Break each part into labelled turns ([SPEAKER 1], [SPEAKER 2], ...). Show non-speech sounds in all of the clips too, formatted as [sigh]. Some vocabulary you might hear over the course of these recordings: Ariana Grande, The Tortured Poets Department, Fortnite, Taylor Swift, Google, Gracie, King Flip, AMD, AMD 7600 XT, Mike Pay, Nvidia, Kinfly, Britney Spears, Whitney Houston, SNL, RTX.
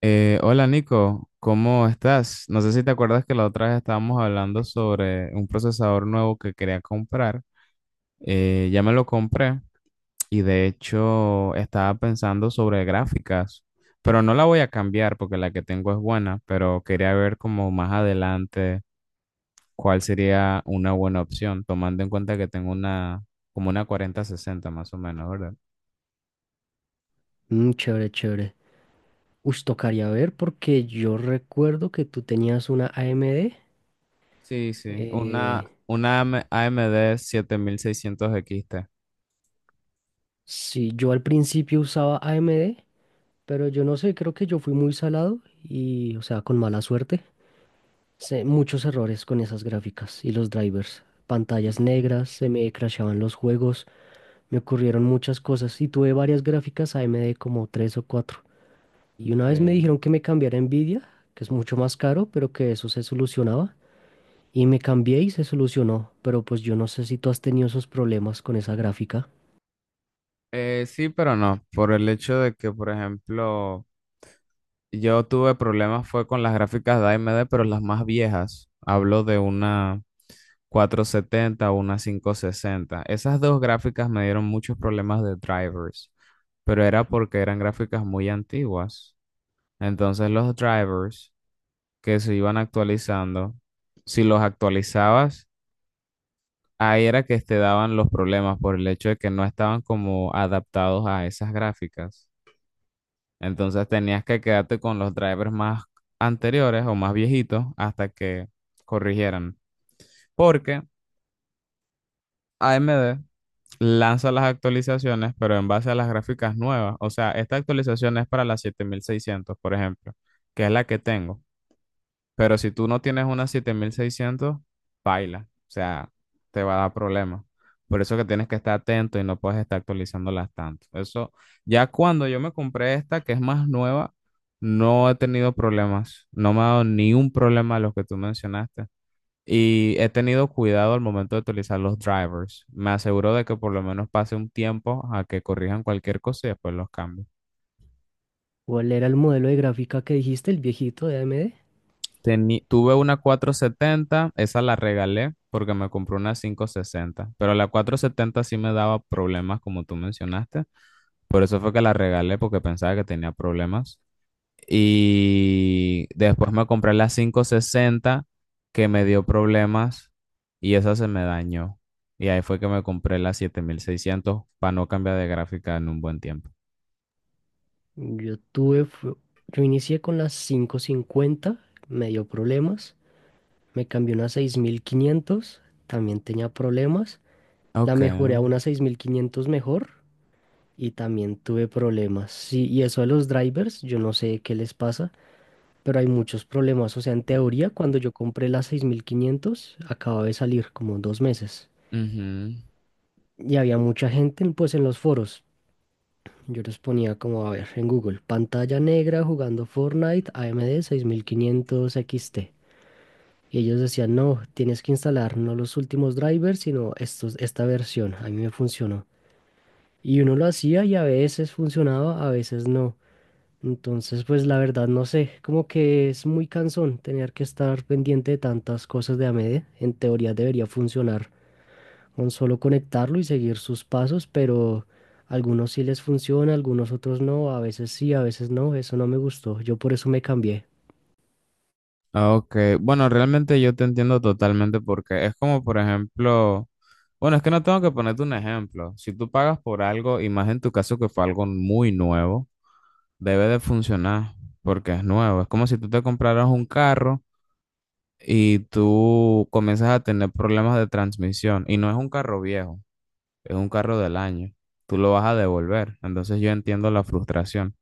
[SPEAKER 1] Hola Nico, ¿cómo estás? No sé si te acuerdas que la otra vez estábamos hablando sobre un procesador nuevo que quería comprar. Ya me lo compré y de hecho estaba pensando sobre gráficas, pero no la voy a cambiar porque la que tengo es buena, pero quería ver como más adelante cuál sería una buena opción, tomando en cuenta que tengo una como una 4060 más o menos, ¿verdad?
[SPEAKER 2] Chévere, chévere. Uy, tocaría ver porque yo recuerdo que tú tenías una AMD.
[SPEAKER 1] Sí, sí,
[SPEAKER 2] Eh,
[SPEAKER 1] una AMD 7600 XT.
[SPEAKER 2] sí, yo al principio usaba AMD, pero yo no sé, creo que yo fui muy salado y, o sea, con mala suerte. Sé muchos errores con esas gráficas y los drivers. Pantallas
[SPEAKER 1] Ujú.
[SPEAKER 2] negras, se me crashaban los juegos, me ocurrieron muchas cosas y tuve varias gráficas AMD como tres o cuatro. Y una vez me
[SPEAKER 1] Okay.
[SPEAKER 2] dijeron que me cambiara a Nvidia, que es mucho más caro, pero que eso se solucionaba. Y me cambié y se solucionó, pero pues yo no sé si tú has tenido esos problemas con esa gráfica.
[SPEAKER 1] Sí, pero no, por el hecho de que, por ejemplo, yo tuve problemas fue con las gráficas de AMD, pero las más viejas. Hablo de una 470 o una quinientos sesenta. Esas dos gráficas me dieron muchos problemas de drivers, pero era porque eran gráficas muy antiguas. Entonces los drivers que se iban actualizando, si los actualizabas, ahí era que te daban los problemas por el hecho de que no estaban como adaptados a esas gráficas. Entonces tenías que quedarte con los drivers más anteriores o más viejitos hasta que corrigieran. Porque AMD lanza las actualizaciones, pero en base a las gráficas nuevas. O sea, esta actualización es para la 7600, por ejemplo, que es la que tengo. Pero si tú no tienes una 7600, baila. O sea, te va a dar problemas. Por eso que tienes que estar atento y no puedes estar actualizándolas tanto. Eso, ya cuando yo me compré esta, que es más nueva, no he tenido problemas. No me ha dado ni un problema de los que tú mencionaste. Y he tenido cuidado al momento de utilizar los drivers. Me aseguro de que por lo menos pase un tiempo a que corrijan cualquier cosa y después los cambio.
[SPEAKER 2] ¿Cuál era el modelo de gráfica que dijiste, el viejito de AMD?
[SPEAKER 1] Tuve una 470, esa la regalé porque me compré una 560, pero la 470 sí me daba problemas como tú mencionaste, por eso fue que la regalé porque pensaba que tenía problemas. Y después me compré la 560 que me dio problemas y esa se me dañó. Y ahí fue que me compré la 7600 para no cambiar de gráfica en un buen tiempo.
[SPEAKER 2] Yo tuve, yo inicié con las quinientos cincuenta, me dio problemas. Me cambié una seis mil quinientos, también tenía problemas. La
[SPEAKER 1] Ok.
[SPEAKER 2] mejoré a una 6500 mejor y también tuve problemas. Sí, y eso de los drivers, yo no sé qué les pasa, pero hay muchos problemas. O sea, en teoría, cuando yo compré la 6500, acababa de salir como dos meses.
[SPEAKER 1] Ujú.
[SPEAKER 2] Y había mucha gente, pues, en los foros. Yo les ponía como, a ver, en Google, pantalla negra jugando Fortnite AMD 6500 XT. Y ellos decían, no, tienes que instalar no los últimos drivers, sino estos, esta versión. A mí me funcionó. Y uno lo hacía y a veces funcionaba, a veces no. Entonces, pues la verdad no sé, como que es muy cansón tener que estar pendiente de tantas cosas de AMD. En teoría debería funcionar con solo conectarlo y seguir sus pasos, pero algunos sí les funciona, algunos otros no, a veces sí, a veces no, eso no me gustó, yo por eso me cambié.
[SPEAKER 1] Ah, ok, bueno, realmente yo te entiendo totalmente porque es como, por ejemplo, bueno, es que no tengo que ponerte un ejemplo. Si tú pagas por algo, y más en tu caso que fue algo muy nuevo, debe de funcionar porque es nuevo. Es como si tú te compraras un carro y tú comienzas a tener problemas de transmisión y no es un carro viejo, es un carro del año. Tú lo vas a devolver. Entonces yo entiendo la frustración.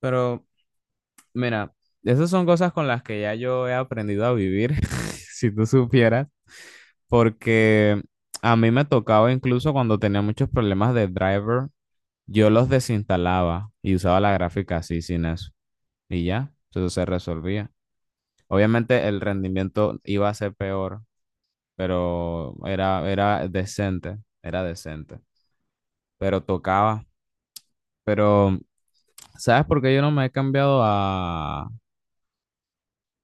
[SPEAKER 1] Pero mira, esas son cosas con las que ya yo he aprendido a vivir. [laughs] Si tú supieras. Porque a mí me tocaba incluso cuando tenía muchos problemas de driver, yo los desinstalaba y usaba la gráfica así sin eso. Y ya, eso se resolvía. Obviamente el rendimiento iba a ser peor, pero era, era decente, pero tocaba. Pero, ¿sabes por qué yo no me he cambiado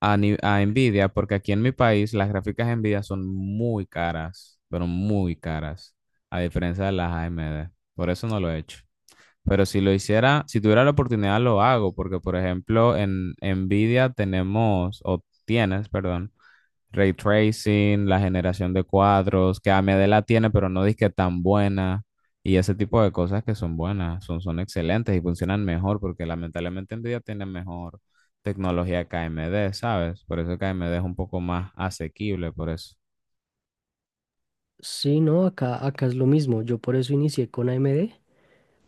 [SPEAKER 1] a, ni- a Nvidia? Porque aquí en mi país las gráficas Nvidia son muy caras, pero muy caras, a diferencia de las AMD. Por eso no lo he hecho. Pero si lo hiciera, si tuviera la oportunidad, lo hago, porque por ejemplo, en Nvidia tenemos, o tienes, perdón, ray tracing, la generación de cuadros, que AMD la tiene, pero no dice que tan buena. Y ese tipo de cosas que son buenas, son excelentes y funcionan mejor, porque lamentablemente Nvidia tiene mejor tecnología que AMD, ¿sabes? Por eso que AMD es un poco más asequible, por eso.
[SPEAKER 2] Sí, no, acá es lo mismo, yo por eso inicié con AMD,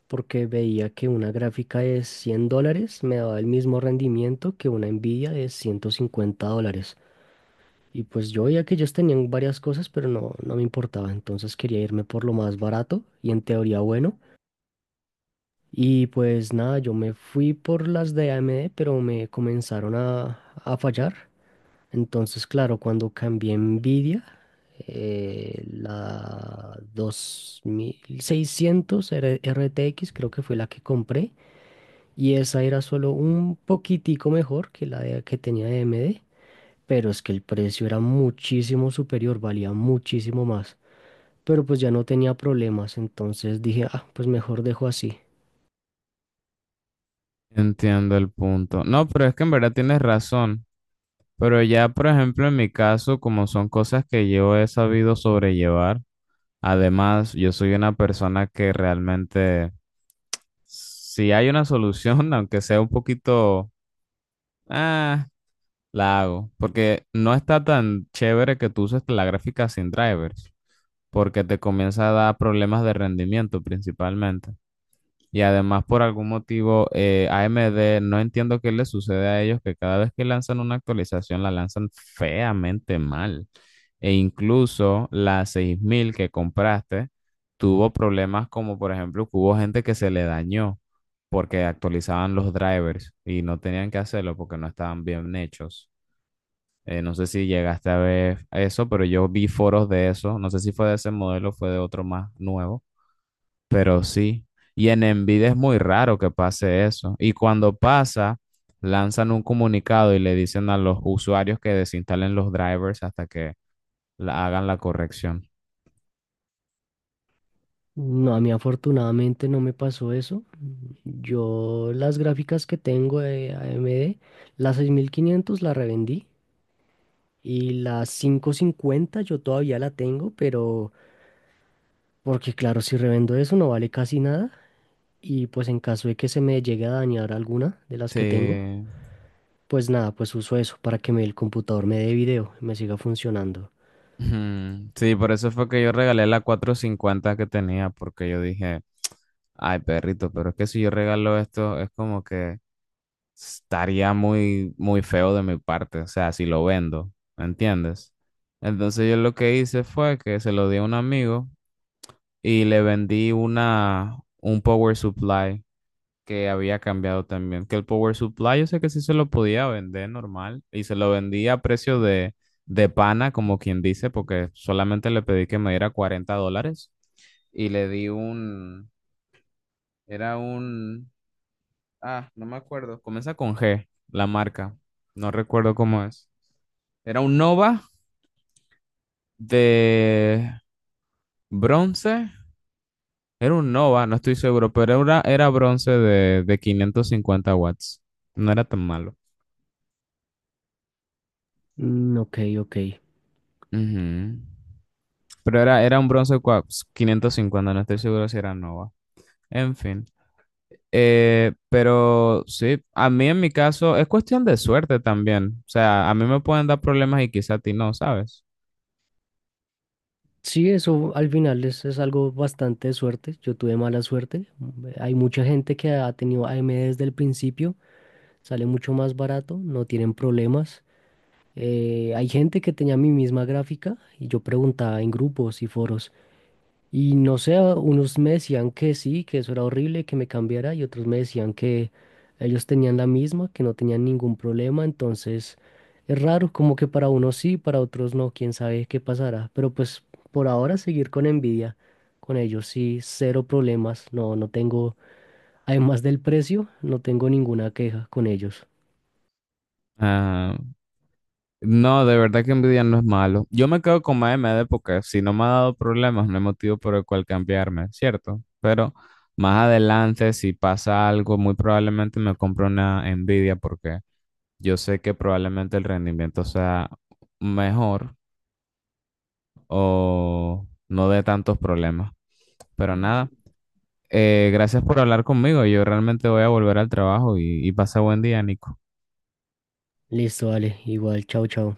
[SPEAKER 2] porque veía que una gráfica de 100 dólares me daba el mismo rendimiento que una Nvidia de 150 dólares. Y pues yo veía que ellos tenían varias cosas, pero no, no me importaba. Entonces quería irme por lo más barato y en teoría bueno. Y pues nada, yo me fui por las de AMD, pero me comenzaron a fallar. Entonces, claro, cuando cambié a Nvidia, la 2600 RTX creo que fue la que compré. Y esa era solo un poquitico mejor que la de- que tenía de AMD, pero es que el precio era muchísimo superior, valía muchísimo más. Pero pues ya no tenía problemas, entonces dije, ah, pues mejor dejo así.
[SPEAKER 1] Entiendo el punto. No, pero es que en verdad tienes razón. Pero ya, por ejemplo, en mi caso, como son cosas que yo he sabido sobrellevar, además, yo soy una persona que realmente si hay una solución, [laughs] aunque sea un poquito, ah, la hago, porque no está tan chévere que tú uses la gráfica sin drivers, porque te comienza a dar problemas de rendimiento principalmente. Y además, por algún motivo, AMD, no entiendo qué le sucede a ellos, que cada vez que lanzan una actualización la lanzan feamente mal. E incluso la 6000 que compraste tuvo problemas como, por ejemplo, que hubo gente que se le dañó porque actualizaban los drivers y no tenían que hacerlo porque no estaban bien hechos. No sé si llegaste a ver eso, pero yo vi foros de eso. No sé si fue de ese modelo o fue de otro más nuevo, pero sí, y en Envidia es muy raro que pase eso. Y cuando pasa, lanzan un comunicado y le dicen a los usuarios que desinstalen los drivers hasta que hagan la corrección.
[SPEAKER 2] No, a mí afortunadamente no me pasó eso. Yo las gráficas que tengo de AMD, la 6500 la revendí y la 550 yo todavía la tengo, pero porque claro, si revendo eso no vale casi nada y pues en caso de que se me llegue a dañar alguna de las
[SPEAKER 1] Sí.
[SPEAKER 2] que tengo, pues nada, pues uso eso para que me, el computador me dé video y me siga funcionando.
[SPEAKER 1] Ujú. Sí, por eso fue que yo regalé la 450 que tenía, porque yo dije, ay, perrito, pero es que si yo regalo esto, es como que estaría muy, muy feo de mi parte, o sea, si lo vendo, ¿me entiendes? Entonces yo lo que hice fue que se lo di a un amigo y le vendí un power supply que había cambiado también. Que el power supply yo sé que sí se lo podía vender normal y se lo vendí a precio de pana, como quien dice, porque solamente le pedí que me diera $40 y le di un, era un, ah, no me acuerdo, comienza con G, la marca, no recuerdo cómo es. Era un Nova de bronce. Era un Nova, no estoy seguro, pero era bronce de 550 W. No era tan malo.
[SPEAKER 2] Mm, ok, ok.
[SPEAKER 1] Ujú. Pero era un bronce pues, 550, no estoy seguro si era Nova. En fin. Pero sí, a mí en mi caso es cuestión de suerte también. O sea, a mí me pueden dar problemas y quizá a ti no, ¿sabes?
[SPEAKER 2] Sí, eso al final es algo bastante de suerte. Yo tuve mala suerte. Hay mucha gente que ha tenido AMD desde el principio, sale mucho más barato, no tienen problemas. Hay gente que tenía mi misma gráfica y yo preguntaba en grupos y foros, y no sé, unos me decían que sí, que eso era horrible, que me cambiara, y otros me decían que ellos tenían la misma, que no tenían ningún problema. Entonces, es raro, como que para unos sí, para otros no, quién sabe qué pasará. Pero pues por ahora seguir con envidia, con ellos sí, cero problemas. No, no tengo, además del precio, no tengo ninguna queja con ellos.
[SPEAKER 1] Ah, no, de verdad que envidia no es malo. Yo me quedo con M Maemede porque si no me ha dado problemas, no hay motivo por el cual cambiarme, ¿cierto? Pero más adelante, si pasa algo, muy probablemente me compro una Nvidia porque yo sé que probablemente el rendimiento sea mejor o no dé tantos problemas. Pero nada, gracias por hablar conmigo. Yo realmente voy a volver al trabajo y pasa buen día, Nico.
[SPEAKER 2] Listo, vale, igual, chao, chao.